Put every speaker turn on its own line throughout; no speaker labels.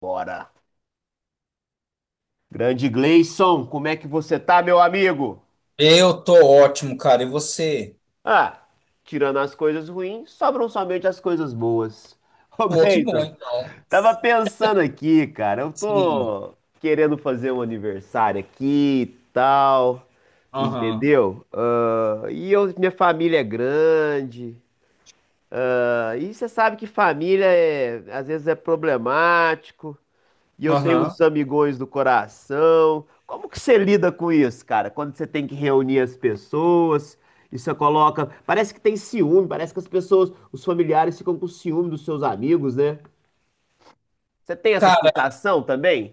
Bora. Grande Gleison, como é que você tá, meu amigo?
Eu tô ótimo, cara. E você?
Ah, tirando as coisas ruins, sobram somente as coisas boas. Ô,
Pô, que bom,
Gleison,
então.
tava pensando aqui, cara, eu
Sim.
tô querendo fazer um aniversário aqui e tal,
Aham.
entendeu? Ah, e eu, minha família é grande. Ah, e você sabe que família é, às vezes é problemático. E eu tenho uns
Aham.
amigões do coração. Como que você lida com isso, cara? Quando você tem que reunir as pessoas, e você coloca. Parece que tem ciúme, parece que as pessoas, os familiares ficam com ciúme dos seus amigos, né? Você tem essa
Cara,
sensação também?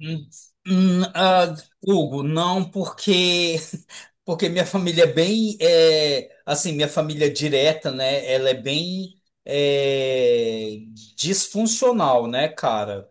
hum, hum, ah, Hugo, não porque porque minha família é bem assim, minha família direta, né? Ela é bem disfuncional, né, cara?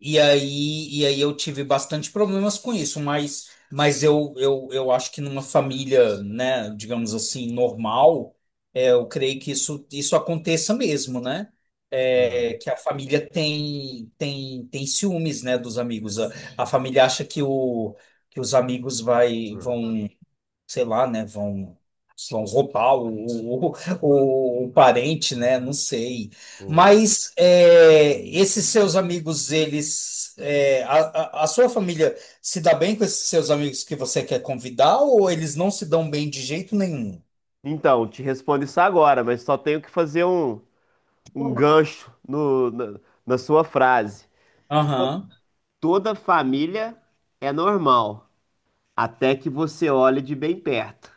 E aí, eu tive bastante problemas com isso, mas, eu acho que numa família, né, digamos assim, normal, eu creio que isso aconteça mesmo, né? É,
Hum,
que a família tem ciúmes, né, dos amigos. A família acha que, que os amigos vai,
hum,
vão sei lá, né? Vão roubar o, o parente, né? Não sei.
hum.
Mas é, esses seus amigos, eles. A sua família se dá bem com esses seus amigos que você quer convidar ou eles não se dão bem de jeito nenhum?
Então, te respondo isso agora, mas só tenho que fazer um gancho na sua frase.
Aham.
Toda família é normal, até que você olhe de bem perto.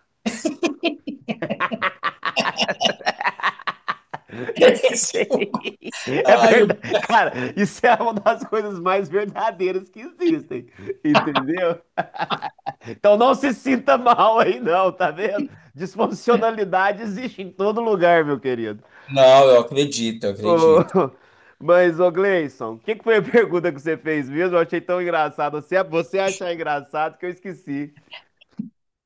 Esse que eu-
É
Ah, eu...
verdade. Cara, isso é uma das coisas mais verdadeiras que existem, entendeu? Então não se sinta mal aí, não, tá vendo? Disfuncionalidade existe em todo lugar, meu querido.
Não, eu acredito, eu
Ô,
acredito.
mas, ô Gleison, o que que foi a pergunta que você fez mesmo? Eu achei tão engraçado. Você achar engraçado que eu esqueci.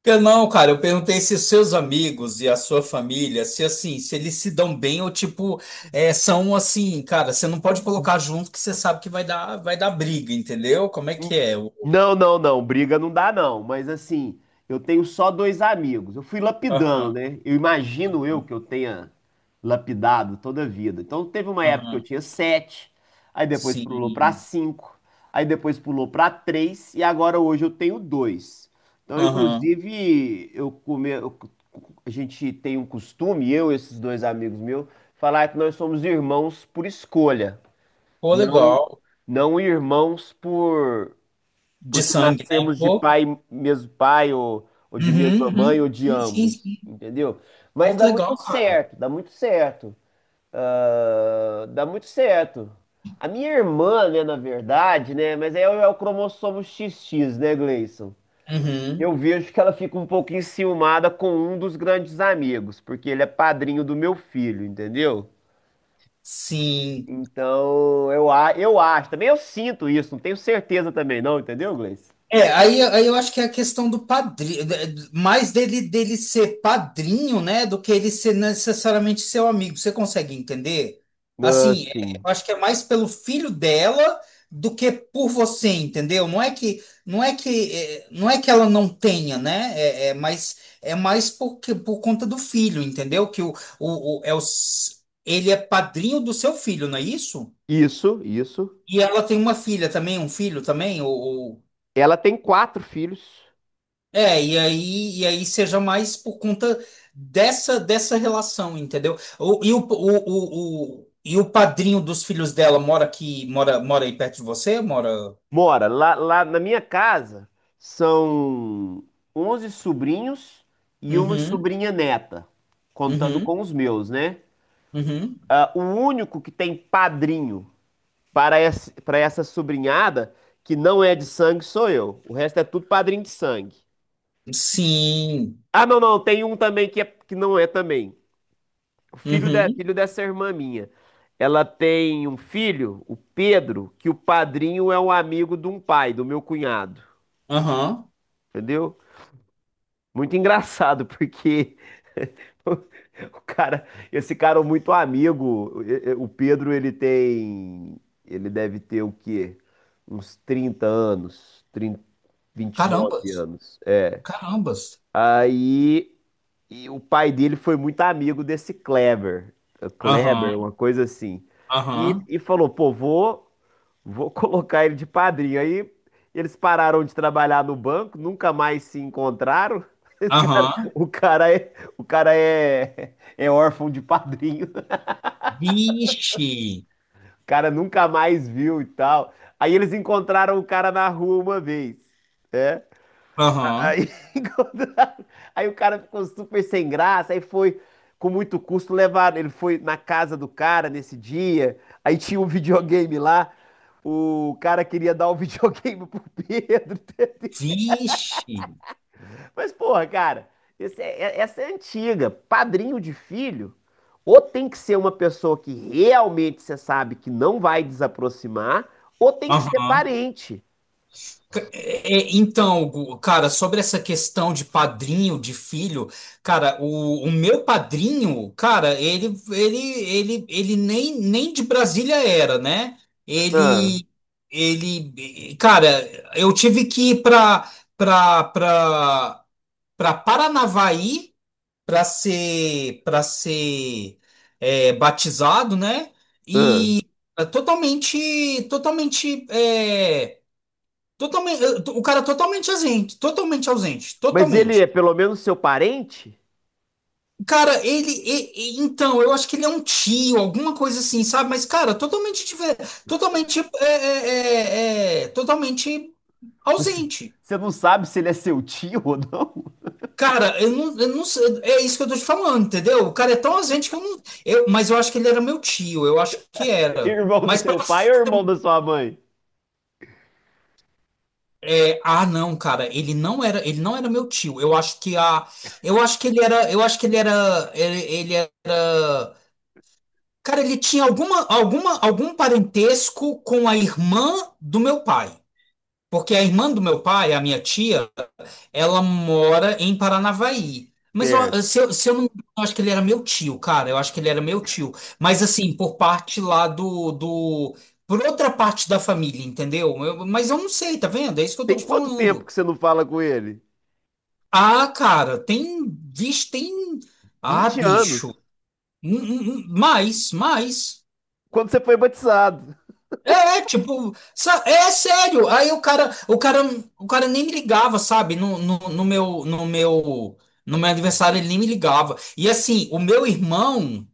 Eu Não, cara, eu perguntei se os seus amigos e a sua família, se assim, se eles se dão bem ou tipo, são assim, cara, você não pode colocar junto que você sabe que vai dar briga, entendeu? Como é que é? O-
Não, não, não, briga não dá não, mas assim, eu tenho só dois amigos. Eu fui
Aham,
lapidando, né? Eu imagino eu
aham,
que eu tenha lapidado toda a vida. Então teve uma época que eu
aham.
tinha sete, aí depois pulou para
Sim.
cinco, aí depois pulou para três e agora hoje eu tenho dois. Então,
Aham.
inclusive, a gente tem um costume, eu e esses dois amigos meus, falar que nós somos irmãos por escolha,
Pô,
não
legal.
não irmãos por
De
porque
sangue, né?
nascemos de
Pô.
pai, mesmo pai, ou de
Uhum,
mesma mãe,
uhum.
ou de
Sim, sim,
ambos,
sim.
entendeu? Mas
Pô, que
dá muito
legal, cara.
certo, dá muito certo. Ah, dá muito certo. A minha irmã, né, na verdade, né, mas aí é o cromossomo XX, né, Gleison?
Uhum.
Eu vejo que ela fica um pouco enciumada com um dos grandes amigos, porque ele é padrinho do meu filho, entendeu?
Sim.
Então, eu acho, também eu sinto isso, não tenho certeza também não, entendeu, Gleice?
É, aí eu acho que é a questão do padrinho, mais dele ser padrinho, né, do que ele ser necessariamente seu amigo. Você consegue entender?
Ah,
Assim,
sim.
eu acho que é mais pelo filho dela do que por você, entendeu? Não é que não é que é, não é que ela não tenha, né? É mais porque por conta do filho, entendeu? Que o, o, o- é o, s- ele é padrinho do seu filho, não é isso?
Isso, isso.
E ela tem uma filha também, um filho também, ou...
Ela tem quatro filhos.
É, e aí seja mais por conta dessa relação, entendeu? O- e o padrinho dos filhos dela mora aqui, mora aí perto de você? Mora.
Mora lá, lá na minha casa são 11 sobrinhos e uma
Uhum,
sobrinha neta, contando
uhum,
com os meus, né?
uhum.
Ah, o único que tem padrinho para essa sobrinhada que não é de sangue sou eu. O resto é tudo padrinho de sangue.
Sim.
Ah, não, não, tem um também que, é, que não é também. O filho, de,
Uhum,
filho dessa irmã minha. Ela tem um filho, o Pedro, que o padrinho é um amigo de um pai, do meu cunhado.
aham.
Entendeu? Muito engraçado, porque o cara, esse cara é muito amigo. O Pedro, ele tem. Ele deve ter o quê? Uns 30 anos, 30, nove
Carambas,
anos. É,
carambas.
aí e o pai dele foi muito amigo desse Kleber, Kleber,
Aham,
uma coisa assim. E,
aham,
e falou: pô, vou colocar ele de padrinho. Aí eles pararam de trabalhar no banco, nunca mais se encontraram.
aham.
O cara é, é órfão de padrinho.
Vixe,
O cara nunca mais viu e tal. Aí eles encontraram o cara na rua uma vez. É.
aham,
Aí, encontraram- aí o cara ficou super sem graça, aí foi com muito custo levar, ele foi na casa do cara nesse dia, aí tinha um videogame lá, o cara queria dar o videogame pro Pedro.
vixe,
Mas, porra, cara, essa é antiga. Padrinho de filho, ou tem que ser uma pessoa que realmente você sabe que não vai desaproximar, ou tem que ser
aham.
parente.
É, é, então, Gu, cara, sobre essa questão de padrinho, de filho, cara, o meu padrinho, cara, ele nem de Brasília era, né?
Ah,
Ele, ele, cara, eu tive que ir para para para Paranavaí para ser batizado, né?
ah.
Totalmente, totalmente. Totalmente, o cara totalmente ausente, totalmente ausente,
Mas ele é
totalmente.
pelo menos seu parente?
Cara, então, eu acho que ele é um tio, alguma coisa assim, sabe? Mas, cara, totalmente, totalmente, totalmente
Você
ausente.
você não sabe se ele é seu tio ou não?
Cara, eu não sei, é isso que eu tô te falando, entendeu? O cara é tão ausente que eu não, mas eu acho que ele era meu tio, eu acho que era.
Irmão do
Mas
seu pai ou irmão da sua mãe?
ah, não, cara, ele não era meu tio. Eu acho que a, eu acho que ele era, ele era. Cara, ele tinha algum parentesco com a irmã do meu pai. Porque a irmã do meu pai, a minha tia, ela mora em Paranavaí. Mas eu,
Certo.
se eu, se eu não me engano, eu acho que ele era meu tio, cara. Eu acho que ele era meu tio. Mas assim, por parte lá do... Por outra parte da família, entendeu? Mas eu não sei, tá vendo? É isso que eu tô
Tem
te
quanto tempo
falando.
que você não fala com ele?
Ah, cara, tem... Vixe, tem... Ah,
20 anos.
bicho. Hum, hum, Mais, mais.
Quando você foi batizado?
É, tipo, é sério. Aí o cara nem me ligava, sabe? No meu aniversário ele nem me ligava. E assim, o meu irmão,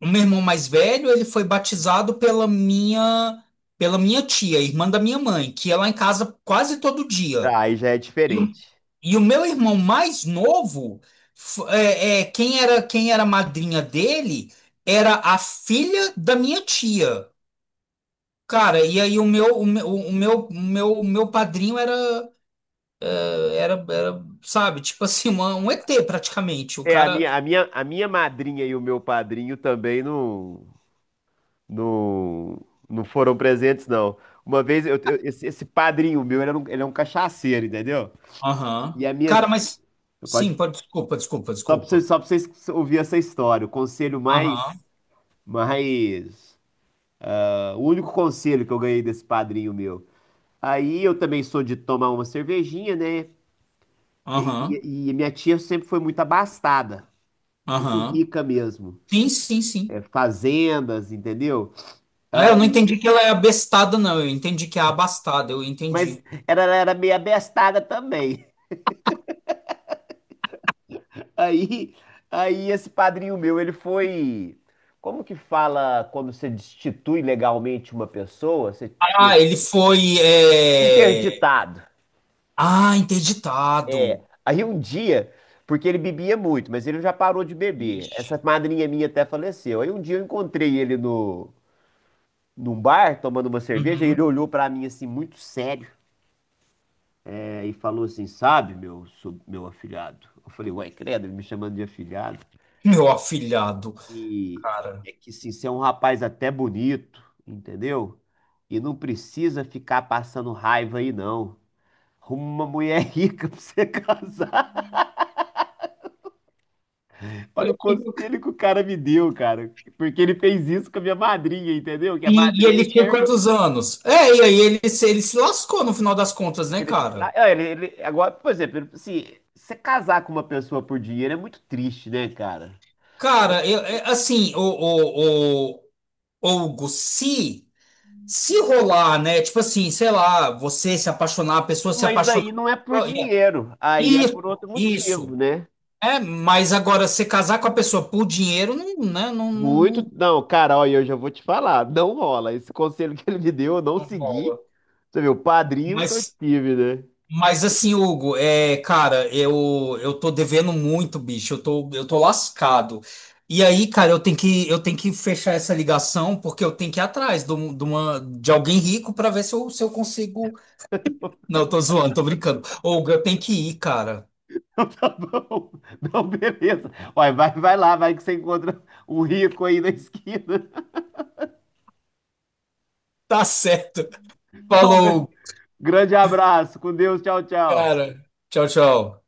o meu irmão mais velho, ele foi batizado pela minha tia, irmã da minha mãe, que ia lá em casa quase todo dia.
Ah, aí já é
E, o-
diferente.
e o meu irmão mais novo, quem era a madrinha dele, era a filha da minha tia. Cara, e aí o meu padrinho era, sabe, tipo assim, um ET praticamente. O
É, a
cara.
minha, a minha, a minha madrinha e o meu padrinho também não, não foram presentes, não. Uma vez, esse, esse padrinho meu, ele é um cachaceiro, entendeu?
Aham.
E a minha
Cara,
tia,
mas. Sim,
pode,
pode. Desculpa, desculpa, desculpa.
só pra vocês ouvirem essa história, o conselho
Aham,
mais, o único conselho que eu ganhei desse padrinho meu. Aí eu também sou de tomar uma cervejinha, né? E,
aham,
e minha tia sempre foi muito abastada, muito
aham.
rica mesmo.
Sim, sim,
É,
sim.
fazendas, entendeu?
Ah, eu não entendi que ela é abestada, não. Eu entendi que é abastada, eu
Mas
entendi.
era, ela era meio abestada também. Aí, aí esse padrinho meu, ele foi. Como que fala quando você destitui legalmente uma pessoa? Você
Ah,
tira.
ele foi.
Interditado.
Ah, interditado.
Aí um dia, porque ele bebia muito, mas ele já parou de beber. Essa
Ixi.
madrinha minha até faleceu. Aí um dia eu encontrei ele no, num bar, tomando uma cerveja, e ele
Uhum.
olhou pra mim assim, muito sério, é, e falou assim: sabe, meu, meu afilhado? Eu falei, uai, credo, ele me chamando de afilhado.
Meu afilhado,
E
cara.
é que sim, você é um rapaz até bonito, entendeu? E não precisa ficar passando raiva aí, não. Arruma uma mulher rica pra você casar.
Olha
Olha o
aqui.
conselho que o cara me deu, cara. Porque ele fez isso com a minha madrinha, entendeu? Que a
E
madrinha
ele tinha
quer.
quantos anos? É, e aí ele se lascou no final das contas, né,
Ele, sei lá,
cara?
ah, agora, por exemplo, assim, você casar com uma pessoa por dinheiro é muito triste, né, cara?
Cara, assim, Hugo, se rolar, né? Tipo assim, sei lá, você se apaixonar, a pessoa se
Mas
apaixonar.
aí não é por dinheiro, aí é
Isso,
por outro motivo,
isso.
né?
É, mas agora, você casar com a pessoa por dinheiro, não, né, não, não,
Muito.
não
Não, cara, olha, eu já vou te falar. Não rola. Esse conselho que ele me deu, eu não
não
segui.
rola.
Você viu, o padrinho que eu
Mas
tive, né?
Mas assim, Hugo, cara, eu tô devendo muito, bicho. Eu tô lascado. E aí, cara, eu tenho que fechar essa ligação porque eu tenho que ir atrás de, um- de uma de alguém rico pra ver se eu consigo. Não, eu tô zoando, tô brincando. Hugo, eu tenho que ir, cara.
Então, tá bom. Não, beleza. Olha, vai, vai lá, vai que você encontra um rico aí na esquina.
Tá certo.
Então,
Falou,
grande abraço. Com Deus. Tchau, tchau.
cara. Tchau, tchau.